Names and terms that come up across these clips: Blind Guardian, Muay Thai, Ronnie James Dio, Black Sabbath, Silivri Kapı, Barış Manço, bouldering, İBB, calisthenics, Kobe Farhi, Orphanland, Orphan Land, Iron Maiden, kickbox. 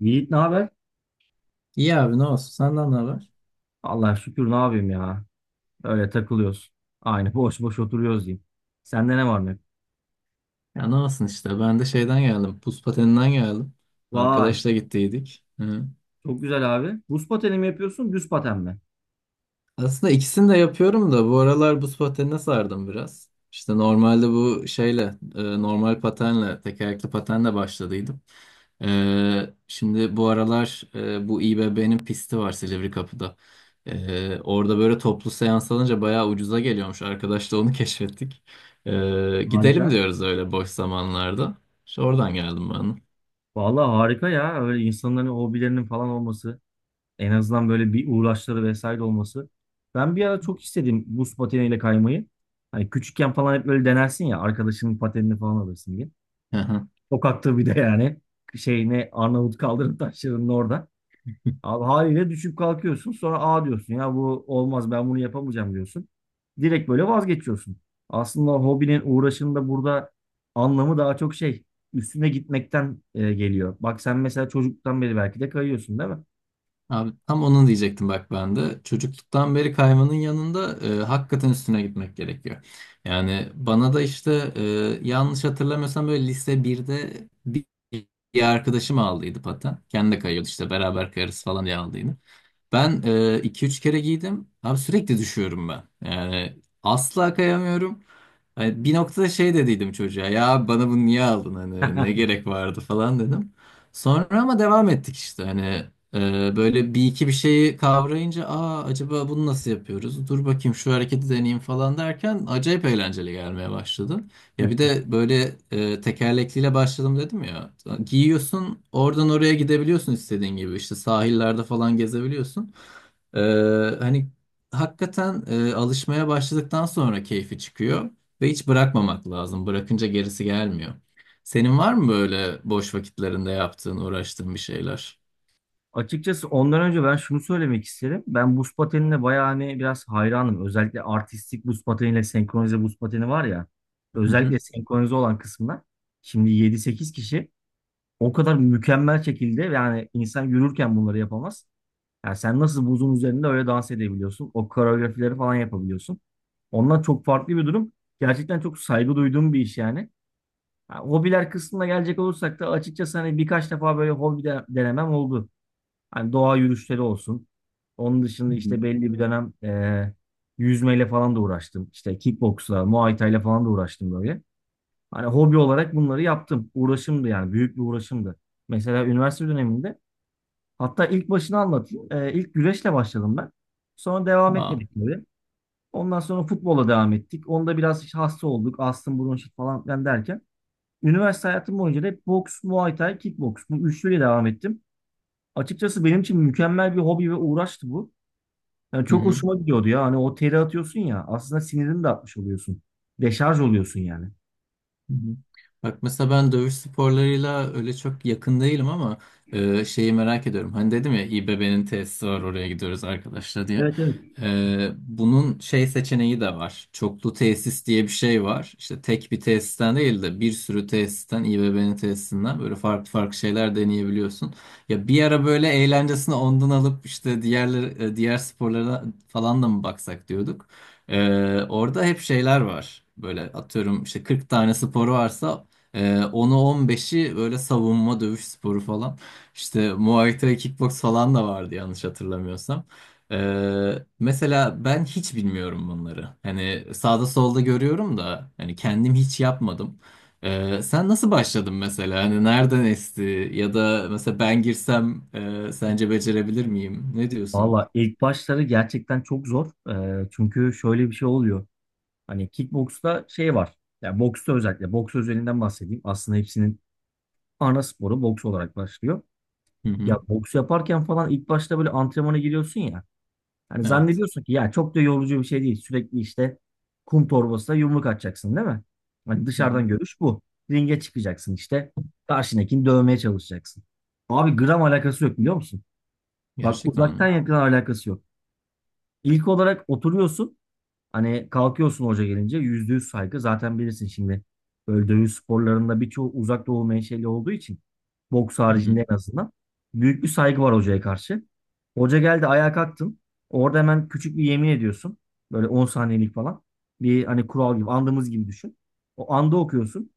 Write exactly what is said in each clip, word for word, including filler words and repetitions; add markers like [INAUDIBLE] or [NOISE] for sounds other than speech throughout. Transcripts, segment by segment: Yiğit, ne haber? İyi abi, ne olsun? Senden ne haber? Allah şükür, ne yapayım ya. Öyle takılıyoruz. Aynı boş boş oturuyoruz diyeyim. Sende ne var ne yok? Ya ne olsun işte. Ben de şeyden geldim. Buz pateninden geldim. Vay, Arkadaşla gittiydik. Hı. çok güzel abi. Buz pateni mi yapıyorsun, düz paten mi? Aslında ikisini de yapıyorum da bu aralar buz patenine sardım biraz. İşte normalde bu şeyle e, normal patenle tekerlekli patenle başladıydım. E, şimdi bu aralar e, bu İBB'nin pisti var Silivri Kapı'da. E, orada böyle toplu seans alınca bayağı ucuza geliyormuş. Arkadaşla onu [LAUGHS] keşfettik. E, gidelim Harika. diyoruz öyle boş zamanlarda. İşte oradan geldim Vallahi harika ya. Öyle insanların hobilerinin falan olması. En azından böyle bir uğraşları vesaire olması. Ben bir ara çok istedim buz pateniyle kaymayı. Hani küçükken falan hep böyle denersin ya, arkadaşının patenini falan alırsın diye. ben. Sokakta bir de yani. Şey, ne, Arnavut kaldırım taşlarının orada. [LAUGHS] Abi haliyle düşüp kalkıyorsun, sonra "A," diyorsun ya, bu olmaz, ben bunu yapamayacağım diyorsun. Direkt böyle vazgeçiyorsun. Aslında hobinin, uğraşının da burada anlamı daha çok şey üstüne gitmekten e, geliyor. Bak sen mesela çocuktan beri belki de kayıyorsun, değil mi? Abi tam onu diyecektim bak ben de. Çocukluktan beri kaymanın yanında e, hakikaten üstüne gitmek gerekiyor. Yani bana da işte e, yanlış hatırlamıyorsam böyle lise birde bir bir arkadaşım aldıydı paten. Kendi de kayıyordu, işte beraber kayarız falan diye aldıydı. Ben e, iki üç kere giydim. Abi sürekli düşüyorum ben. Yani asla kayamıyorum. Hani bir noktada şey dediydim çocuğa, ya bana bunu niye aldın, hani ne [LAUGHS] gerek vardı falan dedim. Sonra ama devam ettik, işte hani ee, böyle bir iki bir şeyi kavrayınca, aa, acaba bunu nasıl yapıyoruz? Dur bakayım şu hareketi deneyeyim falan derken acayip eğlenceli gelmeye başladı. Ya bir de böyle e, tekerlekliyle başladım dedim ya. Giyiyorsun, oradan oraya gidebiliyorsun istediğin gibi, işte sahillerde falan gezebiliyorsun. Ee, hani Hakikaten e, alışmaya başladıktan sonra keyfi çıkıyor ve hiç bırakmamak lazım. Bırakınca gerisi gelmiyor. Senin var mı böyle boş vakitlerinde yaptığın, uğraştığın bir şeyler? Açıkçası ondan önce ben şunu söylemek isterim. Ben buz patenine bayağı hani biraz hayranım. Özellikle artistik buz pateniyle senkronize buz pateni var ya. Özellikle senkronize olan kısmına. Şimdi yedi sekiz kişi, o kadar mükemmel şekilde, yani insan yürürken bunları yapamaz. Yani sen nasıl buzun üzerinde öyle dans edebiliyorsun? O koreografileri falan yapabiliyorsun. Onlar çok farklı bir durum. Gerçekten çok saygı duyduğum bir iş yani. Ha, hobiler kısmına gelecek olursak da açıkçası hani birkaç defa böyle hobi de denemem oldu. Hani doğa yürüyüşleri olsun. Onun Hı dışında hı. işte belli bir dönem e, yüzmeyle falan da uğraştım. İşte kickboksla, muay thai'yle falan da uğraştım böyle. Hani hobi olarak bunları yaptım. Uğraşımdı yani. Büyük bir uğraşımdı. Mesela üniversite döneminde, hatta ilk başını anlatayım. Ee, ilk güreşle başladım ben. Sonra devam Aa. etmedik tabii. Ondan sonra futbola devam ettik. Onda biraz işte hasta olduk. Astım, bronşit falan filan derken. Üniversite hayatım boyunca da hep boks, muay thai, kickboks. Bu üçlüyle devam ettim. Açıkçası benim için mükemmel bir hobi ve uğraştı bu. Yani Hı çok hı. hoşuma gidiyordu ya. Hani o teri atıyorsun ya. Aslında sinirini de atmış oluyorsun. Deşarj oluyorsun yani. Hı hı. Bak mesela ben dövüş sporlarıyla öyle çok yakın değilim ama e, şeyi merak ediyorum. Hani dedim ya, İBB'nin tesisi var, oraya gidiyoruz arkadaşlar diye. Evet, evet. E, bunun şey seçeneği de var. Çoklu tesis diye bir şey var. İşte tek bir tesisten değil de bir sürü tesisten, İBB'nin tesisinden böyle farklı farklı şeyler deneyebiliyorsun. Ya bir ara böyle eğlencesini ondan alıp işte diğer diğer sporlara falan da mı baksak diyorduk. Ee, orada hep şeyler var. Böyle atıyorum, işte kırk tane sporu varsa e, onu on beşi böyle savunma dövüş sporu falan. İşte Muay Thai, kickbox falan da vardı yanlış hatırlamıyorsam. Ee, Mesela ben hiç bilmiyorum bunları. Hani sağda solda görüyorum da hani kendim hiç yapmadım. Ee, sen nasıl başladın mesela? Hani nereden esti? Ya da mesela ben girsem e, sence becerebilir miyim? Ne diyorsun? Valla ilk başları gerçekten çok zor. Ee, çünkü şöyle bir şey oluyor. Hani kickboksta şey var. Yani boksta özellikle. Boks özelinden bahsedeyim. Aslında hepsinin ana sporu boks olarak başlıyor. Hı Ya hı. boks yaparken falan ilk başta böyle antrenmana giriyorsun ya. Hani Evet. zannediyorsun ki ya çok da yorucu bir şey değil. Sürekli işte kum torbasına yumruk atacaksın, değil mi? Hani Hı hı. dışarıdan görüş bu. Ringe çıkacaksın işte. Karşındakini dövmeye çalışacaksın. Abi gram alakası yok, biliyor musun? Bak Gerçekten uzaktan mi? yakın alakası yok. İlk olarak oturuyorsun. Hani kalkıyorsun hoca gelince. Yüzde yüz saygı. Zaten bilirsin şimdi. Böyle dövüş sporlarında birçoğu uzak doğu menşeli olduğu için. Boks Hı hı. haricinde en azından. Büyük bir saygı var hocaya karşı. Hoca geldi, ayağa kalktın. Orada hemen küçük bir yemin ediyorsun. Böyle on saniyelik falan. Bir hani kural gibi, andımız gibi düşün. O anda okuyorsun.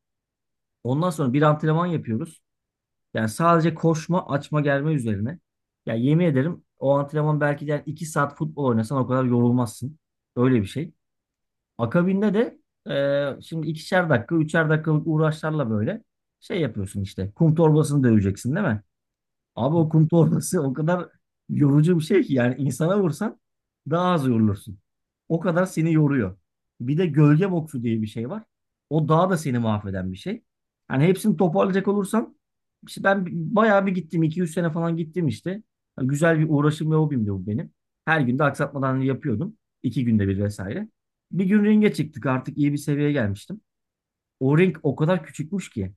Ondan sonra bir antrenman yapıyoruz. Yani sadece koşma, açma, germe üzerine. Ya yemin ederim, o antrenman belki de yani iki saat futbol oynasan o kadar yorulmazsın. Öyle bir şey. Akabinde de e, şimdi ikişer dakika, üçer dakikalık uğraşlarla böyle şey yapıyorsun işte. Kum torbasını döveceksin, değil mi? Abi o kum torbası o kadar yorucu bir şey ki, yani insana vursan daha az yorulursun. O kadar seni yoruyor. Bir de gölge boksu diye bir şey var. O daha da seni mahveden bir şey. Hani hepsini toparlayacak olursam, işte ben bayağı bir gittim. iki üç sene falan gittim işte. Yani güzel bir uğraşım ve hobimdi bu benim. Her gün de aksatmadan yapıyordum. iki günde bir vesaire. Bir gün ringe çıktık, artık iyi bir seviyeye gelmiştim. O ring o kadar küçükmüş ki.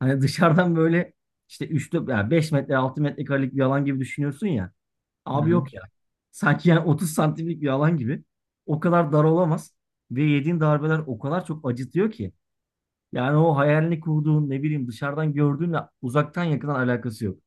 Hani dışarıdan böyle işte üç ya beş metre, altı metrekarelik bir alan gibi düşünüyorsun ya. Abi Aha. yok ya. Sanki yani otuz santimlik bir alan gibi. O kadar dar olamaz. Ve yediğin darbeler o kadar çok acıtıyor ki. Yani o hayalini kurduğun, ne bileyim, dışarıdan gördüğünle uzaktan yakından alakası yok.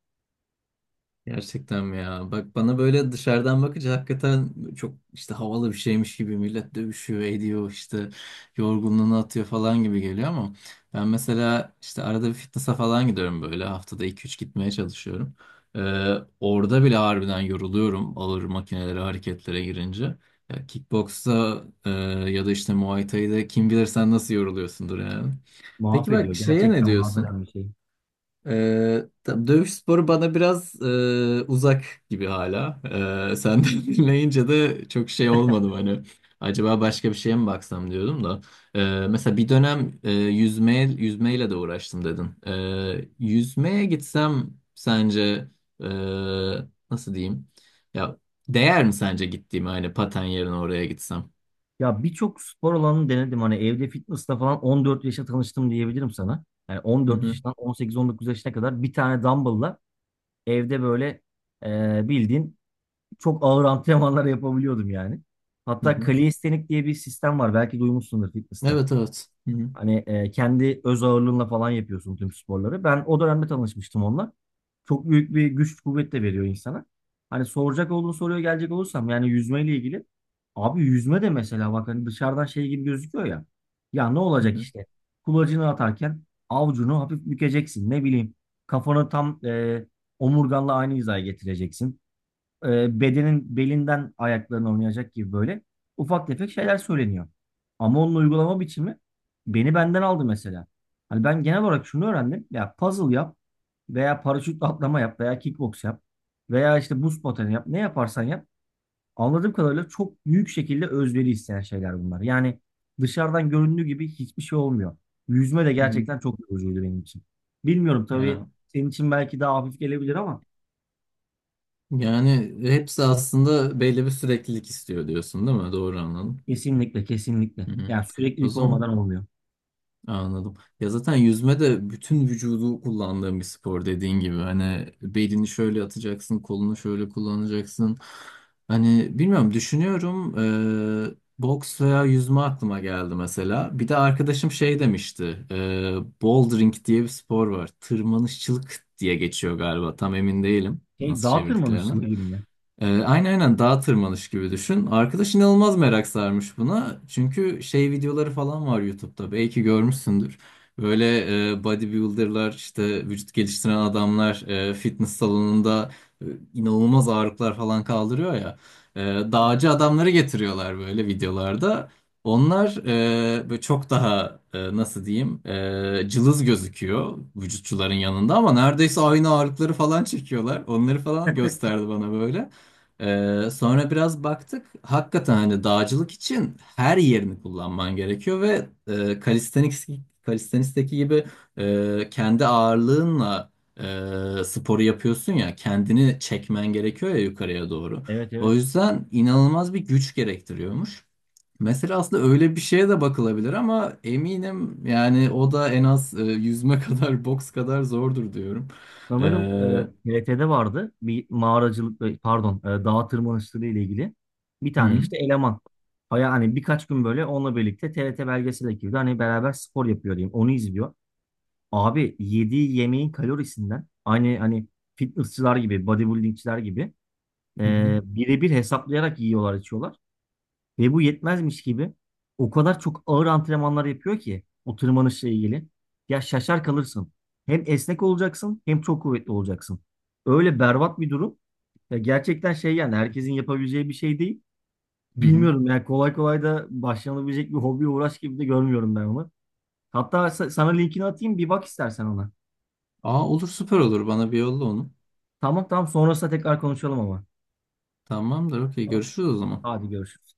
Gerçekten mi ya? Bak, bana böyle dışarıdan bakınca hakikaten çok işte havalı bir şeymiş gibi, millet dövüşüyor, ediyor, işte yorgunluğunu atıyor falan gibi geliyor ama ben mesela işte arada bir fitness'a falan gidiyorum, böyle haftada iki üç gitmeye çalışıyorum. Ee, Orada bile harbiden yoruluyorum ağır makinelere, hareketlere girince. Ya kickboksta e, ya da işte Muay Thai'de kim bilir sen nasıl yoruluyorsundur yani. Peki bak Mahvediyor. şeye ne Gerçekten diyorsun? mahveden bir şey. Ee, tam dövüş sporu bana biraz e, uzak gibi hala. Ee, senden [LAUGHS] dinleyince de çok şey olmadım hani. Acaba başka bir şeye mi baksam diyordum da. Ee, mesela bir dönem e, yüzmeye, yüzmeyle de uğraştım dedin. Ee, yüzmeye gitsem sence e, nasıl diyeyim? Ya değer mi sence, gittiğim hani paten yerine oraya gitsem? Ya birçok spor alanını denedim. Hani evde fitness'la falan on dört yaşa tanıştım diyebilirim sana. Yani Hı on dört hı, yaşından on sekiz on dokuz yaşına kadar bir tane dumbbell'la evde böyle e, bildiğin çok ağır antrenmanlar yapabiliyordum yani. hı Hatta hı. kalistenik diye bir sistem var. Belki duymuşsundur fitness'ta. Evet evet. Hı hı, Hani e, kendi öz ağırlığınla falan yapıyorsun tüm sporları. Ben o dönemde tanışmıştım onunla. Çok büyük bir güç kuvvet de veriyor insana. Hani soracak olduğun soruya gelecek olursam yani yüzmeyle ilgili. Abi yüzme de mesela, bak, hani dışarıdan şey gibi gözüküyor ya. Ya ne hı olacak hı, işte? Kulacını atarken avucunu hafif bükeceksin. Ne bileyim, kafanı tam e, omurganla aynı hizaya getireceksin, e, bedenin belinden ayaklarına oynayacak gibi böyle ufak tefek şeyler söyleniyor. Ama onun uygulama biçimi beni benden aldı mesela. Hani ben genel olarak şunu öğrendim. Ya puzzle yap, veya paraşütle atlama yap, veya kickbox yap, veya işte buz pateni yap. Ne yaparsan yap. Anladığım kadarıyla çok büyük şekilde özveri isteyen şeyler bunlar. Yani dışarıdan göründüğü gibi hiçbir şey olmuyor. Yüzme de hı hı. gerçekten çok yorucuydu benim için. Bilmiyorum tabii, Ya senin için belki daha hafif gelebilir ama. yani hepsi aslında belli bir süreklilik istiyor diyorsun değil mi? Doğru anladım. Kesinlikle, kesinlikle. Hı hı. Yani O süreklilik zaman olmadan olmuyor. anladım. Ya zaten yüzme de bütün vücudu kullandığın bir spor dediğin gibi. Hani belini şöyle atacaksın, kolunu şöyle kullanacaksın. Hani bilmiyorum, düşünüyorum. Eee, boks veya yüzme aklıma geldi mesela. Bir de arkadaşım şey demişti. eee Bouldering diye bir spor var. Tırmanışçılık diye geçiyor galiba. Tam emin değilim Şey, nasıl dağ çevirdiklerine. tırmanışçılığı gibi mi? Ee, aynen aynen dağ tırmanış gibi düşün. Arkadaş inanılmaz merak sarmış buna. Çünkü şey videoları falan var YouTube'da. Belki görmüşsündür. Böyle e, bodybuilder'lar, işte vücut geliştiren adamlar e, fitness salonunda e, inanılmaz ağırlıklar falan kaldırıyor ya. E, Dağcı adamları getiriyorlar böyle videolarda. Onlar e, böyle çok daha e, nasıl diyeyim, e, cılız gözüküyor vücutçuların yanında ama neredeyse aynı ağırlıkları falan çekiyorlar. Onları falan gösterdi bana böyle. Ee, sonra biraz baktık. Hakikaten hani dağcılık için her yerini kullanman gerekiyor ve e, calisthenics, calisthenics'teki gibi e, kendi ağırlığınla e, sporu yapıyorsun, ya kendini çekmen gerekiyor ya yukarıya doğru. Evet, O evet. yüzden inanılmaz bir güç gerektiriyormuş. Mesela aslında öyle bir şeye de bakılabilir ama eminim yani o da en az e, yüzme [LAUGHS] kadar, boks kadar zordur diyorum. Ee, Sanırım e, hı T R T'de vardı bir mağaracılık, e, pardon, e, dağ tırmanışçılığı ile ilgili bir tane hı işte eleman. Aya hani birkaç gün böyle onunla birlikte T R T belgesel ekibinde hani beraber spor yapıyor diyeyim. Onu izliyor. Abi yediği yemeğin kalorisinden aynı hani fitnessçılar gibi, bodybuildingçiler gibi hı, hı e, birebir hesaplayarak yiyorlar içiyorlar. Ve bu yetmezmiş gibi o kadar çok ağır antrenmanlar yapıyor ki o tırmanışla ilgili. Ya şaşar kalırsın. Hem esnek olacaksın, hem çok kuvvetli olacaksın. Öyle berbat bir durum. Ya gerçekten şey, yani herkesin yapabileceği bir şey değil. hı, hı Bilmiyorum yani, kolay kolay da başlanabilecek bir hobi uğraş gibi de görmüyorum ben onu. Hatta sa- sana linkini atayım, bir bak istersen ona. Aa, olur, süper olur. Bana bir yolla onu. Tamam, tamam, sonrasında tekrar konuşalım ama. Tamamdır. Okey. Tamam. Görüşürüz o zaman. Hadi görüşürüz.